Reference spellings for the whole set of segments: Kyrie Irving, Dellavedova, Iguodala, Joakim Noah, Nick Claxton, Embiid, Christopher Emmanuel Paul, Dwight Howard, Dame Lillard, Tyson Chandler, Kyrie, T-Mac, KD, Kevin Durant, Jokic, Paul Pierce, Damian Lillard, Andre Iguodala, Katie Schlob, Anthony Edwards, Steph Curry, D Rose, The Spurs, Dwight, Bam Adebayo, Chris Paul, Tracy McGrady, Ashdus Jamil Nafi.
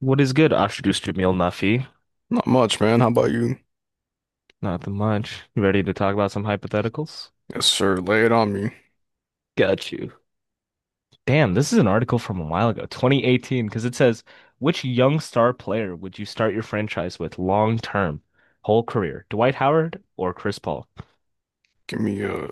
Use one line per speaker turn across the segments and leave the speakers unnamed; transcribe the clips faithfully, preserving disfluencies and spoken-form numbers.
What is good, Ashdus Jamil Nafi?
Not much, man. How about you?
Nothing much. You ready to talk about some hypotheticals?
Yes, sir. Lay it on me.
Got you. Damn, this is an article from a while ago, twenty eighteen, because it says, which young star player would you start your franchise with long term, whole career? Dwight Howard or Chris Paul?
Give me a.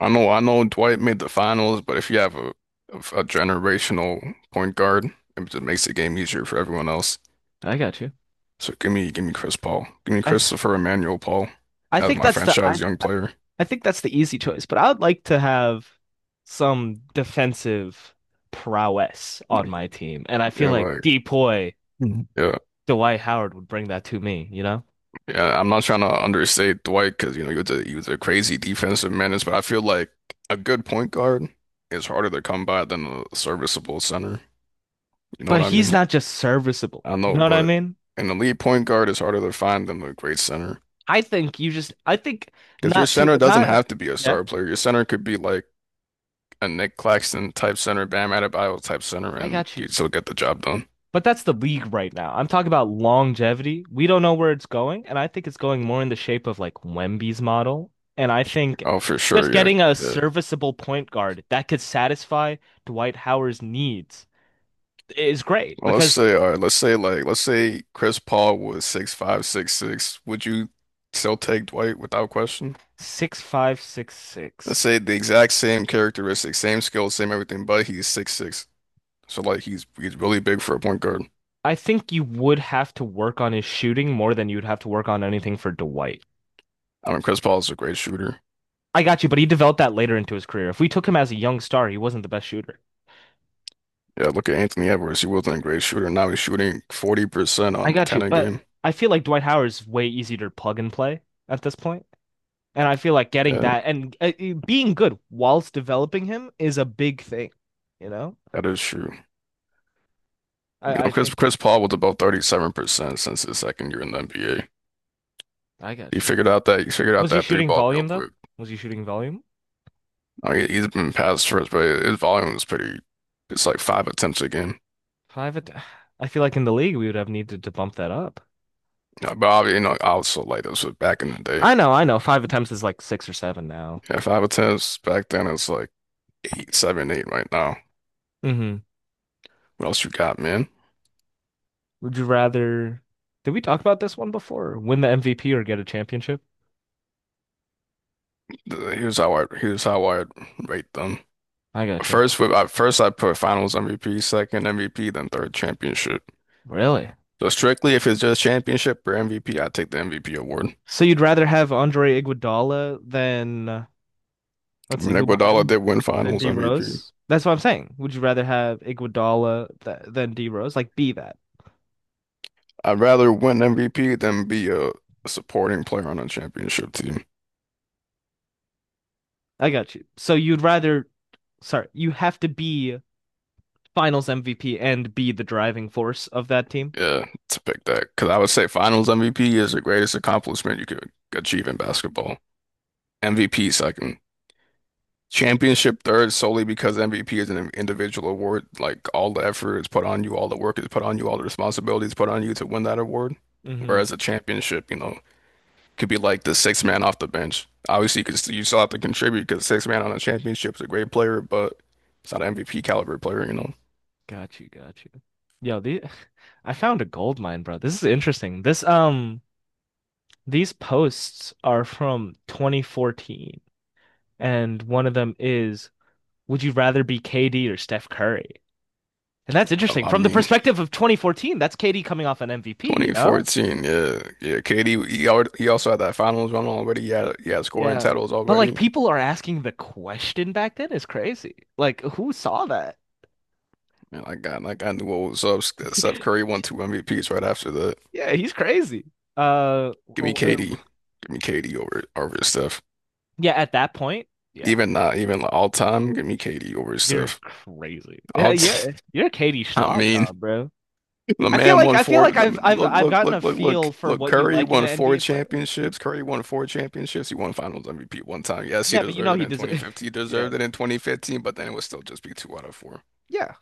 I know, I know Dwight made the finals, but if you have a a, generational point guard, it just makes the game easier for everyone else.
I got you.
So give me, give me Chris Paul. Give me
I th
Christopher Emmanuel Paul
I
as
think
my
that's the I
franchise young player.
I think that's the easy choice, but I would like to have some defensive prowess on my team, and I feel
Yeah,
like
like,
Depoy
mhm, yeah,
Dwight Howard would bring that to me, you know?
yeah. I'm not trying to understate Dwight because you know he was a he was a crazy defensive menace, but I feel like a good point guard is harder to come by than a serviceable center. You know
But
what I mean?
he's not just serviceable.
I
You
know,
know what I
but
mean?
an elite point guard is harder to find than a great center.
I think you just, I think
Because your
not to,
center doesn't
not,
have to be a
yeah,
star player. Your center could be like a Nick Claxton type center, Bam Adebayo type center,
I
and
got you.
you'd still get the job done.
But that's the league right now. I'm talking about longevity. We don't know where it's going, and I think it's going more in the shape of like Wemby's model. And I think
Oh, for
just
sure, yeah.
getting a
Yeah.
serviceable point guard that could satisfy Dwight Howard's needs is great
Well, let's
because
say, all right, let's say like let's say Chris Paul was six five, six six. Would you still take Dwight without question?
six five six
Let's
six.
say the exact same characteristics, same skills, same everything, but he's six six. So like he's he's really big for a point guard.
I think you would have to work on his shooting more than you'd have to work on anything for Dwight.
I mean, Chris Paul is a great shooter.
I got you, but he developed that later into his career. If we took him as a young star, he wasn't the best shooter.
Yeah, look at Anthony Edwards. He wasn't a great shooter. Now he's shooting forty percent
I
on
got you,
ten a
but
game.
I feel like Dwight Howard's way easier to plug and play at this point. And I feel like getting
Yeah,
that and uh, uh, being good whilst developing him is a big thing, you know?
that is true. You
I,
know,
I
Chris
think
Chris Paul was about thirty-seven percent since his second year in the N B A.
I
He
got you.
figured out that he figured out
Was he
that three
shooting
ball real
volume though?
quick.
Was he shooting volume?
I mean, he's been past first, but his volume is pretty. It's like five attempts a game.
Five att- I feel like in the league we would have needed to bump that up.
Yeah, but obviously, you know, I also like this was back in the day.
I know, I know. Five attempts is like six or seven now.
Yeah, five attempts back then. It's like eight, seven, eight right now.
Hmm.
What else you got, man?
Would you rather? Did we talk about this one before? Win the M V P or get a championship?
Here's how I here's how I rate them.
I got you.
First, with I first I put Finals M V P, second M V P, then third championship.
Really?
So strictly, if it's just championship or M V P, I take the M V P award.
So you'd rather have Andre Iguodala than uh,
I
let's see,
mean,
who
Iguodala
won?
did win
Than
Finals
D
M V P.
Rose? That's what I'm saying. Would you rather have Iguodala th than D Rose? Like, be that.
I'd rather win M V P than be a supporting player on a championship team.
I got you. So you'd rather, sorry, you have to be Finals M V P and be the driving force of that team.
Yeah, to pick that because I would say Finals M V P is the greatest accomplishment you could achieve in basketball. M V P second. Championship third solely because M V P is an individual award. Like all the effort is put on you, all the work is put on you, all the responsibilities put on you to win that award.
Hmm.
Whereas a championship, you know, could be like the sixth man off the bench. Obviously, you could st- you still have to contribute because sixth man on a championship is a great player, but it's not an M V P caliber player, you know.
Got you, got you. Yo, the I found a gold mine, bro. This is interesting. This um These posts are from twenty fourteen, and one of them is, would you rather be K D or Steph Curry? And that's
Well,
interesting.
I
From the
mean,
perspective of twenty fourteen, that's K D coming off an M V P, you know?
twenty fourteen, yeah, yeah. K D, he already, he also had that finals run already. He had, he had scoring
Yeah.
titles
But, like,
already.
people are asking the question back then is crazy. Like, who saw that?
And I got, like, I knew what was up. Steph Curry won two M V Ps right after that.
Yeah, he's crazy. Uh
Give me
oh, oh.
K D. Give me K D over over his stuff.
Yeah, at that point, yeah.
Even not even like all time. Give me K D over his
You're
stuff.
crazy. Yeah,
All t
you're you're Katie
I
Schlob,
mean,
now, bro.
the
I feel
man
like
won
I feel
four.
like
The,
I've I've
look,
I've
look,
gotten a
look, look,
feel
look,
for
look.
what you
Curry
like in
won
an
four
N B A player.
championships. Curry won four championships. He won Finals M V P one time. Yes, he
Yeah, but you know
deserved it
he
in
does it.
twenty fifteen. He
Yeah.
deserved it in twenty fifteen, but then it would still just be two out of four.
Yeah.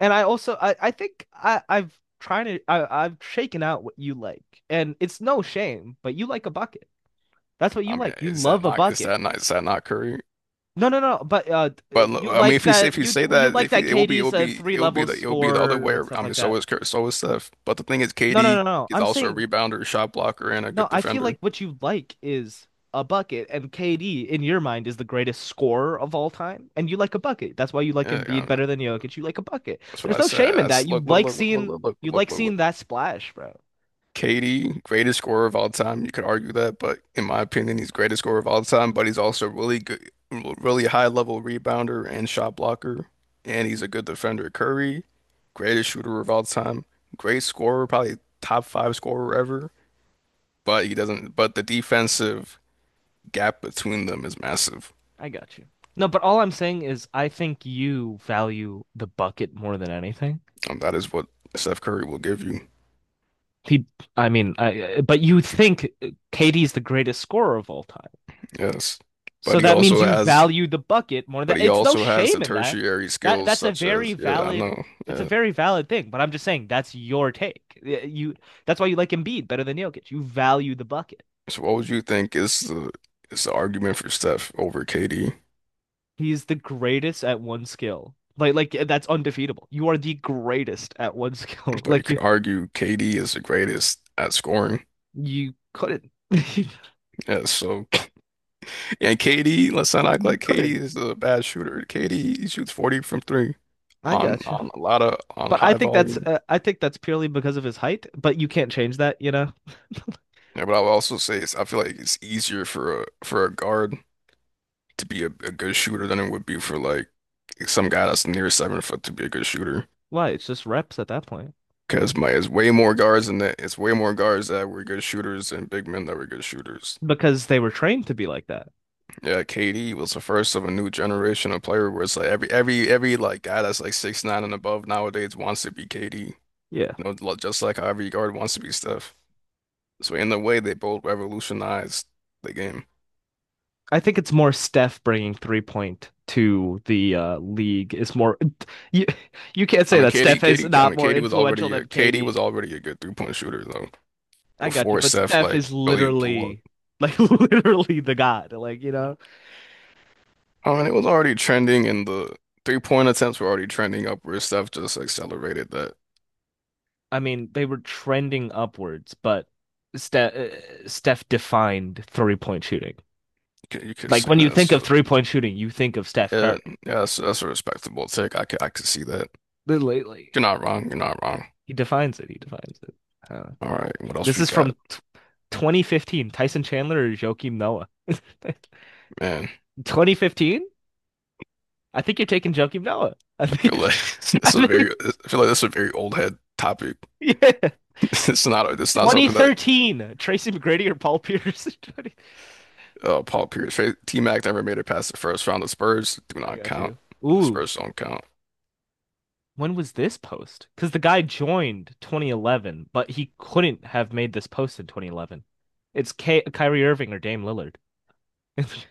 And I also, I, I think I, I've trying to I, I've shaken out what you like. And it's no shame, but you like a bucket. That's what
I
you
mean,
like. You
is that
love a
not is
bucket.
that not is that not Curry?
No, no, no. But uh, uh,
But l-
you
I mean,
like
if you say if
that
you
you
say
you
that,
like
if
that
you, it will be it
K D's
will
a
be
three
it will be
level
the it will be the other
score
way.
and stuff
I mean,
like
so
that.
is Kurt, so is Steph. But the thing is,
No, no,
K D
no, no.
is
I'm
also a
saying,
rebounder, shot blocker, and a
no,
good
I feel
defender.
like what you like is a bucket, and K D in your mind is the greatest scorer of all time, and you like a bucket. That's why you like
Yeah, I
Embiid
mean,
better than Jokic. You like a bucket.
that's what
There's
I
no
said.
shame
I
in that.
s
You
look, look,
like
look, look, look,
seeing
look, look,
you
look,
like
look. look.
seeing that splash, bro.
K D, greatest scorer of all time. You could argue that, but in my opinion, he's greatest scorer of all time. But he's also really good, really high level rebounder and shot blocker, and he's a good defender. Curry, greatest shooter of all time, great scorer, probably top five scorer ever. But he doesn't. But the defensive gap between them is massive,
I got you. No, but all I'm saying is I think you value the bucket more than anything.
and that is what Steph Curry will give you.
He, I mean, I, but you think K D's the greatest scorer of all time.
Yes,
So
but he
that means
also
you
has,
value the bucket more than,
but he
it's no
also has the
shame in that.
tertiary
That
skills
that's a
such
very
as, yeah, I
valid
know.
It's a
Yeah.
very valid thing, but I'm just saying that's your take. You That's why you like Embiid better than Jokic. You value the bucket.
So what would you think is the is the argument for Steph over K D?
He's the greatest at one skill. Like like that's undefeatable. You are the greatest at one skill.
But you
Like you
could argue K D is the greatest at scoring.
you couldn't.
Yeah, so and K D, let's not act
You
like
couldn't.
K D is a bad shooter. K D he shoots forty from three
I
on
got you.
on a lot of on
But I
high
think that's
volume.
uh, I think that's purely because of his height, but you can't change that, you know.
Yeah, but I would also say it's, I feel like it's easier for a for a guard to be a, a good shooter than it would be for like some guy that's near seven foot to be a good shooter.
Why? It's just reps at that point.
Because my it's way more guards than that. It's way more guards that were good shooters and big men that were good shooters.
Because they were trained to be like that.
Yeah, K D was the first of a new generation of player where it's like every every every like guy that's like six nine and above nowadays wants to be K D.
Yeah.
You know, lo- just like how every guard wants to be Steph. So in a way, they both revolutionized the game.
I think it's more Steph bringing three point to the uh, league is more. You you can't
I
say
mean,
that
Katie,
Steph is
Katie, I
not
mean,
more
Katie was
influential
already a
than
Katie was
K D.
already a good three point shooter though
I got you,
before
but
Steph
Steph
like
is
really blew up.
literally like literally the god. Like, you know,
I mean, it was already trending, and the three point attempts were already trending upwards. Steph just accelerated that.
I mean, they were trending upwards, but Steph uh, Steph defined three point shooting.
You could, you could
Like,
say
when you
that.
think of
So
three point shooting, you think of Steph
yeah,
Curry.
yeah, that's, that's a respectable take. I could, I could see that.
Lately,
You're not wrong. You're not wrong.
he defines it. He defines it. Uh,
All right, what else
This
we
is
got,
from t twenty fifteen. Tyson Chandler or Joakim Noah?
man?
twenty fifteen? I think you're taking Joakim Noah. I
I feel
think,
like this
I
is a very,
think,
I feel like this is a very old head topic.
yeah.
It's not, it's not something that.
twenty thirteen. Tracy McGrady or Paul Pierce? twenty
Uh, Paul Pierce. Fa- T-Mac never made it past the first round. The Spurs do
I
not
got
count.
you.
The
Ooh,
Spurs don't count.
when was this post? Because the guy joined twenty eleven, but he couldn't have made this post in twenty eleven. It's K Kyrie Irving or Dame Lillard.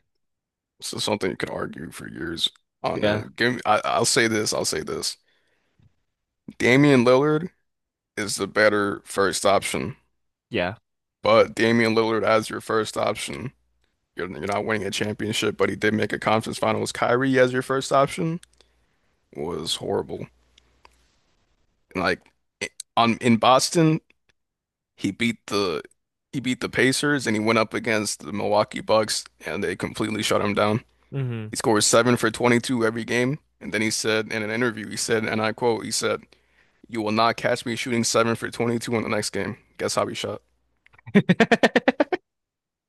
This is something you could argue for years on
Yeah,
end. Give me, I, I'll say this. I'll say this. Damian Lillard is the better first option,
yeah.
but Damian Lillard as your first option, you're, you're not winning a championship. But he did make a conference finals. Kyrie as your first option was horrible. And like on in Boston, he beat the he beat the Pacers and he went up against the Milwaukee Bucks and they completely shut him down.
Hmm.
He scores seven for twenty-two every game. And then he said in an interview, he said, and I quote, he said, "You will not catch me shooting seven for twenty-two in the next game." Guess how he shot?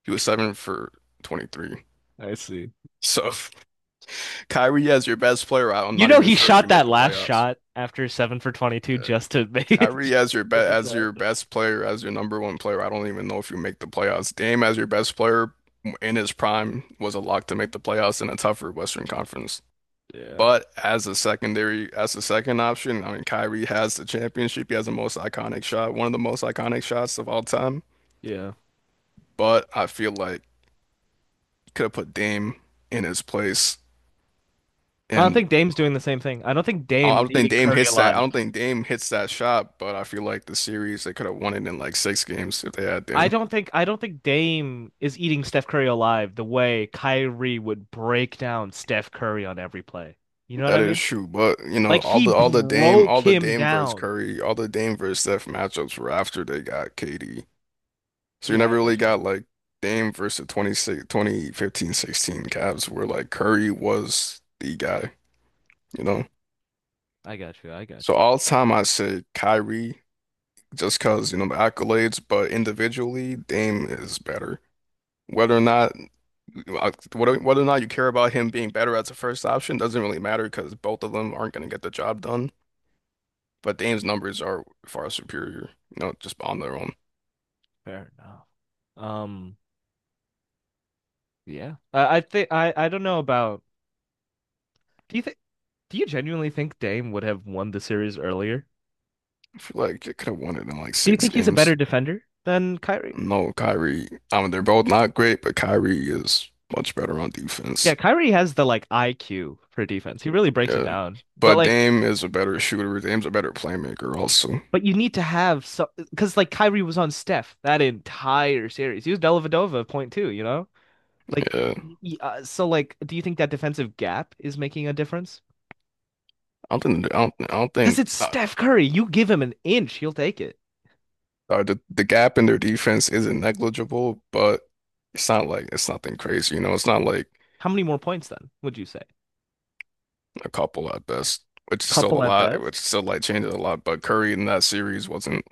He was seven for twenty-three.
I see.
So Kyrie as your best player out, I'm
You
not
know
even
he
sure if you
shot
make
that
the
last
playoffs.
shot after seven for twenty-two
Yeah.
just to make it.
Kyrie as your be as your best player, as your number one player. I don't even know if you make the playoffs. Dame as your best player in his prime was a lock to make the playoffs in a tougher Western Conference.
Yeah,
But as a secondary, as a second option, I mean, Kyrie has the championship. He has the most iconic shot, one of the most iconic shots of all time.
yeah.
But I feel like you could have put Dame in his place.
I don't
And I
think Dame's doing the same thing. I don't think
I
Dame is
don't think
eating
Dame
Curry
hits that.
alive.
I don't think Dame hits that shot. But I feel like the series they could have won it in like six games if they had
I
Dame.
don't think I don't think Dame is eating Steph Curry alive the way Kyrie would break down Steph Curry on every play. You know what
That
I
is
mean?
true, but you know
Like,
all
he
the all the Dame
broke
all the
him
Dame versus
down.
Curry, all the Dame versus Steph matchups were after they got K D. So you
Yeah,
never
I
really
got you.
got like Dame versus twenty six twenty fifteen sixteen Cavs where like Curry was the guy, you know.
I got you. I
So
got you.
all time I say Kyrie just 'cause you know the accolades, but individually Dame is better. Whether or not uh, whether whether or not you care about him being better as a first option doesn't really matter because both of them aren't going to get the job done. But Dame's numbers are far superior, you know, just on their own.
Fair enough. Um, yeah. I, I think I I don't know about. Do you think? Do you genuinely think Dame would have won the series earlier?
I feel like they could have won it in like
Do you
six
think he's a
games.
better defender than Kyrie?
No, Kyrie. I mean, they're both not great, but Kyrie is much better on
Yeah,
defense.
Kyrie has the like I Q for defense. He really breaks it
Yeah.
down. But,
But
like,
Dame is a better shooter. Dame's a better playmaker also.
but you need to have, so because like Kyrie was on Steph that entire series. He was Dellavedova point two. You know, like,
Yeah.
uh, so, like, do you think that defensive gap is making a difference?
I don't think, I don't, I don't
Because
think
it's
uh,
Steph Curry. You give him an inch, he'll take it.
uh, the, the gap in their defense isn't negligible, but it's not like it's nothing crazy, you know. It's not like
How many more points then would you say?
a couple at best, which is still a
Couple at
lot, which
best.
still like changes a lot. But Curry in that series wasn't,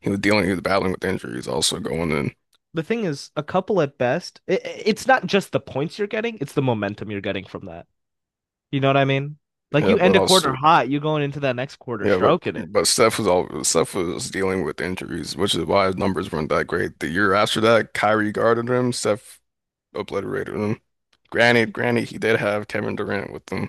he was dealing, he was battling with injuries also going in.
The thing is, a couple at best. It, it's not just the points you're getting; it's the momentum you're getting from that. You know what I mean? Like,
Yeah,
you end
but
a quarter
also,
hot, you're going into that next quarter
yeah, but
stroking it.
but Steph was all Steph was dealing with injuries, which is why his numbers weren't that great. The year after that, Kyrie guarded him, Steph obliterated him. Granted, granted, he did have Kevin Durant with him,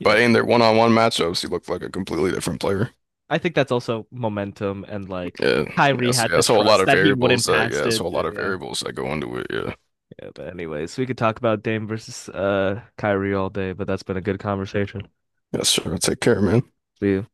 but in their one-on-one matchups, he looked like a completely different player.
I think that's also momentum and, like,
Yeah, yeah,
Kyrie
so,
had
yeah,
to
so a lot
trust
of
that he
variables
wouldn't
that,
pass
yeah,
it.
so a lot of
Yeah.
variables that go into it. Yeah,
Yeah, but anyways, we could talk about Dame versus uh Kyrie all day, but that's been a good conversation.
yeah, sure. Take care, man.
See you.